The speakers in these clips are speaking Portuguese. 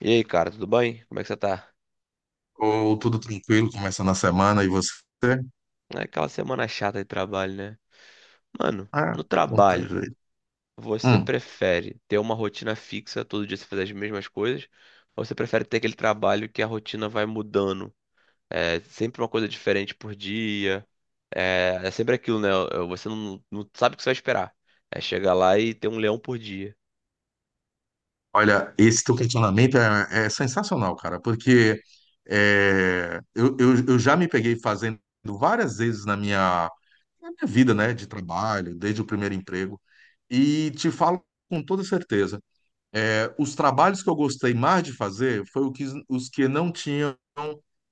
E aí, cara, tudo bem? Como é que você tá? Ou tudo tranquilo, começando a semana e você? É aquela semana chata de trabalho, né? Mano, Ah, no não tem trabalho, jeito. você Hum. prefere ter uma rotina fixa, todo dia você fazer as mesmas coisas, ou você prefere ter aquele trabalho que a rotina vai mudando? É sempre uma coisa diferente por dia, é sempre aquilo, né? Você não sabe o que você vai esperar. É chegar lá e ter um leão por dia. Olha, esse teu questionamento é sensacional, cara, porque eu já me peguei fazendo várias vezes na na minha vida, né, de trabalho, desde o primeiro emprego, e te falo com toda certeza. É, os trabalhos que eu gostei mais de fazer os que não tinham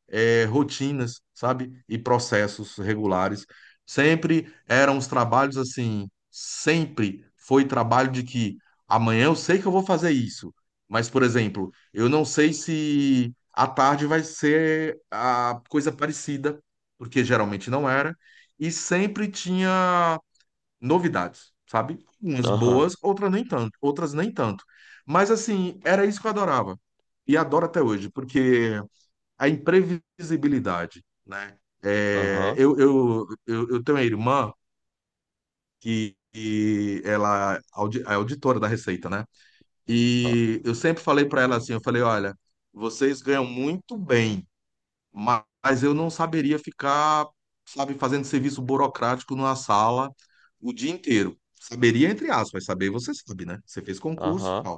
rotinas, sabe? E processos regulares. Sempre eram os trabalhos assim, sempre foi trabalho de que amanhã eu sei que eu vou fazer isso, mas, por exemplo, eu não sei se à tarde vai ser a coisa parecida, porque geralmente não era, e sempre tinha novidades, sabe? Umas Aham, boas, outras nem tanto, outras nem tanto. Mas assim, era isso que eu adorava. E adoro até hoje, porque a imprevisibilidade, né? É, aham, eu, eu, eu, eu tenho uma irmã que ela é é auditora da Receita, né? ah, E eu sempre falei para ela assim, eu falei, olha, vocês ganham muito bem, mas eu não saberia ficar, sabe, fazendo serviço burocrático numa sala o dia inteiro. Saberia, entre aspas, saber você sabe, né? Você fez concurso, aham,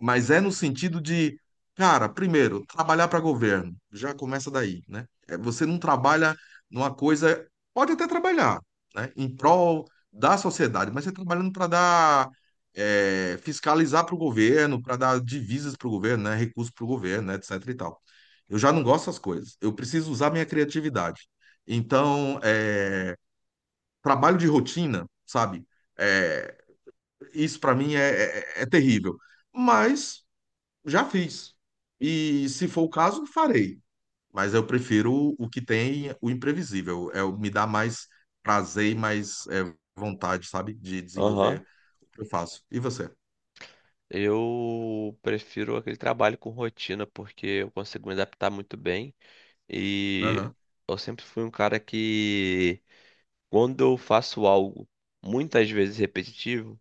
mas é no sentido de, cara, primeiro, trabalhar para governo. Já começa daí, né? É, você não trabalha numa coisa, pode até trabalhar, né? Em prol da sociedade, mas você trabalhando para dar, é, fiscalizar para o governo, para dar divisas para o governo, né? Recursos para o governo, né? Etc e tal. Eu já não gosto dessas coisas. Eu preciso usar minha criatividade. Então, é, trabalho de rotina, sabe? É, isso para mim é terrível. Mas já fiz. E se for o caso, farei. Mas eu prefiro o que tem o imprevisível. É, me dá mais prazer e mais é, vontade, sabe? De aham. desenvolver o que eu faço. E você? Eu prefiro aquele trabalho com rotina, porque eu consigo me adaptar muito bem. E Aham, eu sempre fui um cara que, quando eu faço algo muitas vezes repetitivo,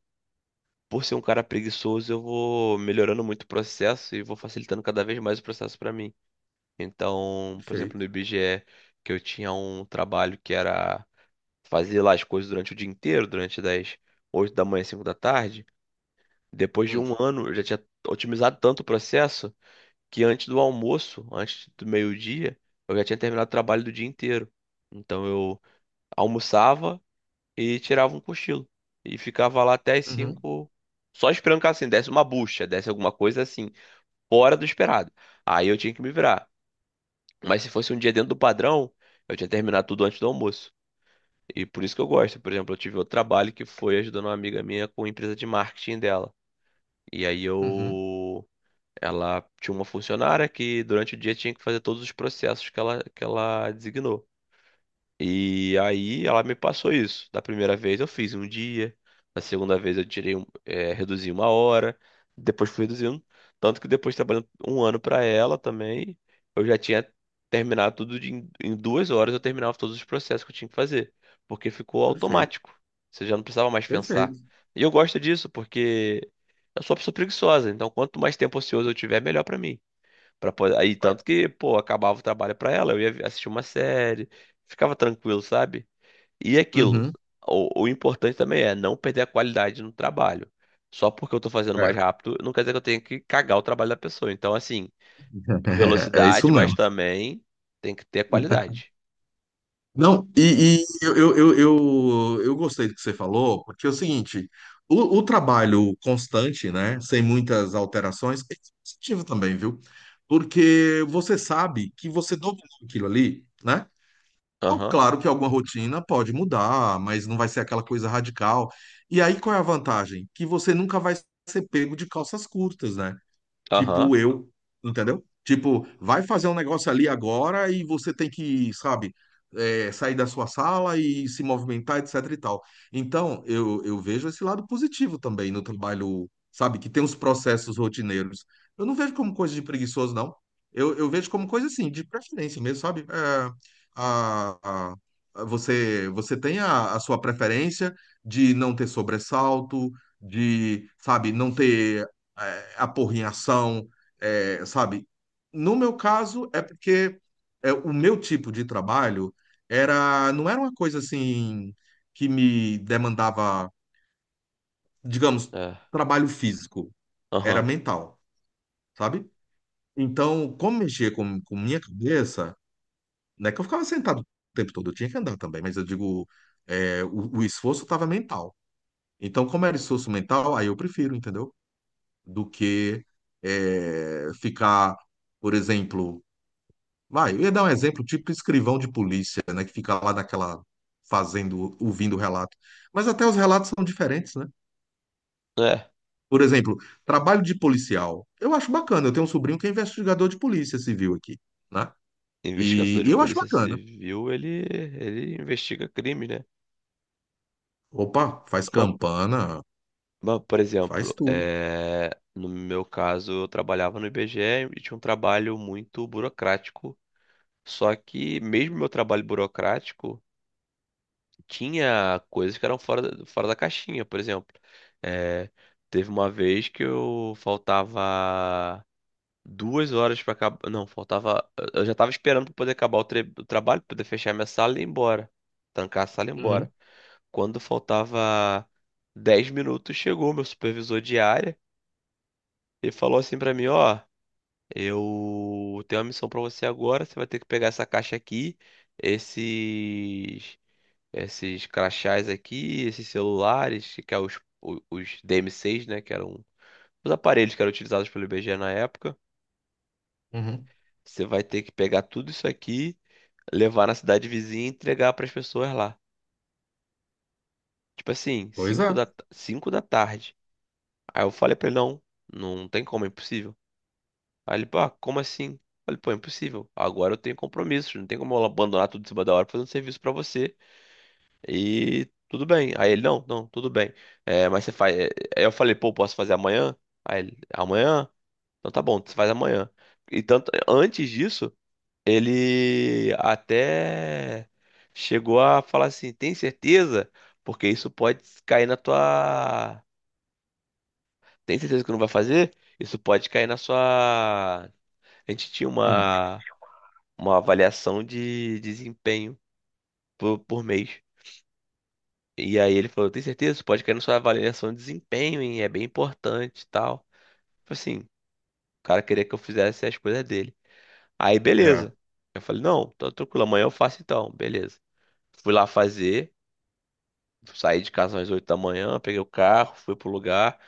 por ser um cara preguiçoso, eu vou melhorando muito o processo e vou facilitando cada vez mais o processo para mim. Então, por exemplo, perfeito. no IBGE, que eu tinha um trabalho que era fazer lá as coisas durante o dia inteiro, durante das 8 da manhã às 5 da tarde. Depois de Hum. um ano, eu já tinha otimizado tanto o processo que antes do almoço, antes do meio-dia, eu já tinha terminado o trabalho do dia inteiro. Então eu almoçava e tirava um cochilo. E ficava lá até as Uhum, 5, só esperando que assim, desse uma bucha, desse alguma coisa assim, fora do esperado. Aí eu tinha que me virar. Mas se fosse um dia dentro do padrão, eu tinha terminado tudo antes do almoço. E por isso que eu gosto. Por exemplo, eu tive outro trabalho que foi ajudando uma amiga minha com a empresa de marketing dela. E aí uhum, eu ela tinha uma funcionária que durante o dia tinha que fazer todos os processos que ela designou. E aí ela me passou isso. Da primeira vez eu fiz um dia, na segunda vez eu tirei um, reduzi uma hora, depois fui reduzindo. Tanto que depois trabalhando um ano para ela também, eu já tinha terminado tudo em 2 horas, eu terminava todos os processos que eu tinha que fazer, porque ficou perfeito, automático. Você já não precisava mais pensar. perfeito. E eu gosto disso porque eu sou uma pessoa preguiçosa, então quanto mais tempo ocioso eu tiver, melhor para mim. Aí, Vai. tanto que, pô, acabava o trabalho pra ela, eu ia assistir uma série, ficava tranquilo, sabe? E aquilo, Uhum, o importante também é não perder a qualidade no trabalho. Só porque eu tô fazendo mais é. rápido, não quer dizer que eu tenha que cagar o trabalho da pessoa. Então, assim, É isso velocidade, mas mesmo. também tem que ter qualidade. Não, e eu gostei do que você falou, porque é o seguinte, o trabalho constante, né, sem muitas alterações, é positivo também, viu? Porque você sabe que você dominou aquilo ali, né? Ó, Aham, claro que alguma rotina pode mudar, mas não vai ser aquela coisa radical. E aí qual é a vantagem? Que você nunca vai ser pego de calças curtas, né? aham, Tipo eu, entendeu? Tipo, vai fazer um negócio ali agora e você tem que, sabe, é, sair da sua sala e se movimentar, etc e tal. Então, eu vejo esse lado positivo também no trabalho, sabe, que tem os processos rotineiros. Eu não vejo como coisa de preguiçoso, não. Eu vejo como coisa assim, de preferência mesmo, sabe? É, a, a- você, você tem a sua preferência de não ter sobressalto, de, sabe, não ter é, a porra em ação, é, sabe? No meu caso, é porque é, o meu tipo de trabalho não era uma coisa assim que me demandava, digamos, é, trabalho físico, era aham, mental, sabe? Então, como mexia com minha cabeça, né que eu ficava sentado o tempo todo, eu tinha que andar também, mas eu digo, é, o esforço estava mental. Então, como era esforço mental, aí eu prefiro, entendeu? Do que é, ficar, por exemplo, vai, eu ia dar um exemplo, tipo escrivão de polícia, né, que fica lá naquela fazendo, ouvindo o relato. Mas até os relatos são diferentes, né? é. Por exemplo, trabalho de policial. Eu acho bacana. Eu tenho um sobrinho que é investigador de polícia civil aqui, né? Investigador E de eu acho polícia bacana. civil, ele investiga crime, né? Opa, faz campana, Mas, por faz exemplo, tudo. No meu caso, eu trabalhava no IBGE e tinha um trabalho muito burocrático. Só que, mesmo meu trabalho burocrático, tinha coisas que eram fora, fora da caixinha. Por exemplo, é, teve uma vez que eu faltava 2 horas para acabar. Não, faltava. Eu já estava esperando para poder acabar o, o trabalho, poder fechar minha sala e ir embora. Trancar a sala e ir embora. Uhum, Quando faltava 10 minutos, chegou meu supervisor de área. Ele falou assim pra mim, ó, eu tenho uma missão pra você agora, você vai ter que pegar essa caixa aqui, esses esses crachás aqui, esses celulares, que é os, DM6, né, que eram os aparelhos que eram utilizados pelo IBGE na época. uhum. Você vai ter que pegar tudo isso aqui, levar na cidade vizinha e entregar pras pessoas lá. Tipo assim, Pois é. 5 da tarde. Aí eu falei pra ele, não, não tem como, é impossível. Aí ele, pá, como assim? Eu falei, pô, é impossível. Agora eu tenho compromissos, não tem como eu abandonar tudo em cima da hora fazendo serviço pra você. E tudo bem. Aí ele, não, não, tudo bem. É, mas você faz. Aí eu falei, pô, posso fazer amanhã? Aí ele, amanhã? Então tá bom, você faz amanhã. E tanto, antes disso, ele até chegou a falar assim: tem certeza? Porque isso pode cair na tua. Tem certeza que não vai fazer? Isso pode cair na sua. A gente tinha Hum. uma avaliação de desempenho por mês. E aí ele falou, tem certeza? Você pode cair na sua avaliação de desempenho, hein? É bem importante e tal. Eu falei assim, o cara queria que eu fizesse as coisas dele. Aí, É. beleza. Eu falei, não, tá tranquilo, amanhã eu faço então, beleza. Fui lá fazer, saí de casa às 8 da manhã, peguei o carro, fui pro lugar,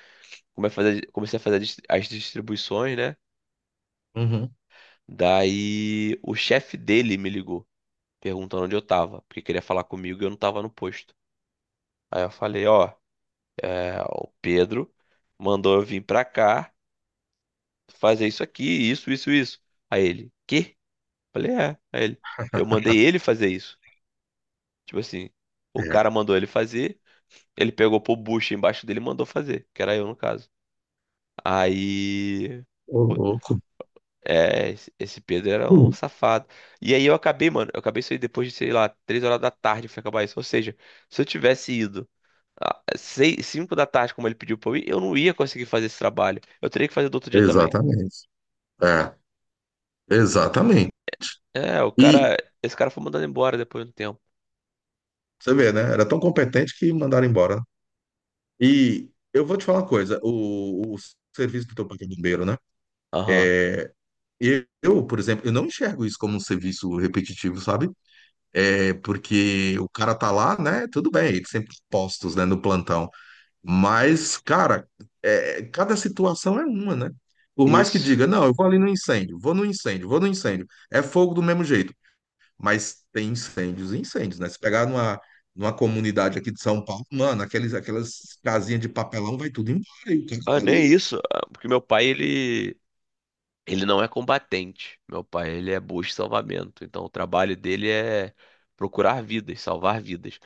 comecei a fazer as distribuições, né? Uhum. Daí o chefe dele me ligou, perguntando onde eu tava, porque queria falar comigo e eu não tava no posto. Aí eu falei, ó, o Pedro mandou eu vir pra cá fazer isso aqui, isso, isso, isso. Aí ele, quê? Falei, é. Aí ele, eu mandei ele fazer isso. Tipo assim, o cara É. mandou ele fazer, ele pegou pro bucho embaixo dele e mandou fazer, que era eu no caso. Aí, Ô, pô, louco. Esse Pedro era um Hum. safado. E aí eu acabei, mano. Eu acabei isso aí depois de, sei lá, 3 horas da tarde foi acabar isso. Ou seja, se eu tivesse ido às 5 da tarde, como ele pediu pra eu ir, eu não ia conseguir fazer esse trabalho. Eu teria que fazer do outro dia também. Exatamente. É, exatamente. É, o E cara. Esse cara foi mandado embora depois de um tempo. você vê, né? Era tão competente que mandaram embora. E eu vou te falar uma coisa: o serviço do teu pai que é bombeiro, né? Aham. É, eu, por exemplo, eu não enxergo isso como um serviço repetitivo, sabe? É porque o cara tá lá, né? Tudo bem, eles sempre postos, né, no plantão. Mas, cara, é, cada situação é uma, né? Por mais que Isso. diga, não, eu vou ali no incêndio, vou no incêndio, vou no incêndio. É fogo do mesmo jeito. Mas tem incêndios e incêndios, né? Se pegar numa comunidade aqui de São Paulo, mano, aquelas casinhas de papelão vai tudo embora. E o cara Ah, tá nem ali. isso. Ah, porque meu pai, ele. Ele não é combatente. Meu pai, ele é busca e salvamento. Então, o trabalho dele é procurar vidas, salvar vidas.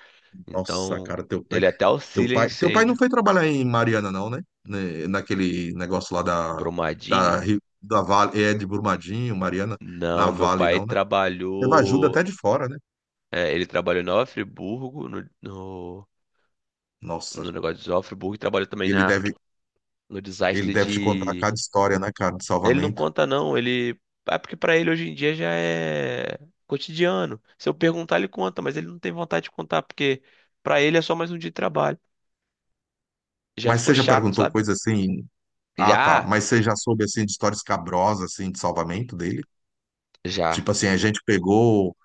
Nossa, Então, cara, ele até auxilia em teu pai não incêndio. foi trabalhar em Mariana, não, né? Né, naquele negócio lá da, Brumadinho? Da Vale, é de Brumadinho, Mariana, na Não, meu Vale, pai não, né? Teve ajuda trabalhou. até de fora, né? Ele trabalhou em Nova Friburgo, no Nossa, negócio de Nova Friburgo, e trabalhou também ele na, deve, no ele desastre. deve te contar cada história, né, cara, de Ele não salvamento. conta, não. Ele. É porque pra ele hoje em dia já é cotidiano. Se eu perguntar, ele conta, mas ele não tem vontade de contar, porque pra ele é só mais um dia de trabalho. Já Mas ficou você já chato, perguntou sabe? coisa assim, ah, tá. Já, Mas você já soube, assim, de história escabrosa, assim, de salvamento dele? já. Tipo assim, a gente pegou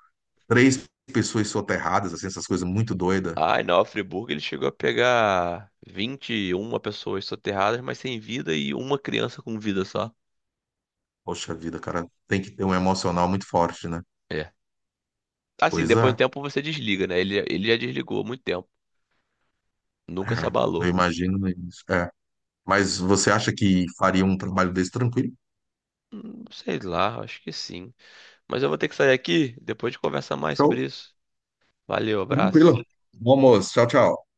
três pessoas soterradas, assim, essas coisas muito doidas. Ai, na Friburgo ele chegou a pegar 21 pessoas soterradas, mas sem vida e uma criança com vida só. Poxa vida, cara, tem que ter um emocional muito forte, né? É. Assim, Pois depois de um é. tempo você desliga, né? Ele já desligou há muito tempo. Nunca se É, eu abalou. imagino isso. É. Mas você acha que faria um trabalho desse tranquilo? Sei lá, acho que sim. Mas eu vou ter que sair aqui, depois de conversar mais Show. sobre isso. Valeu, abraço. Tranquilo. Bom almoço. Tchau, tchau.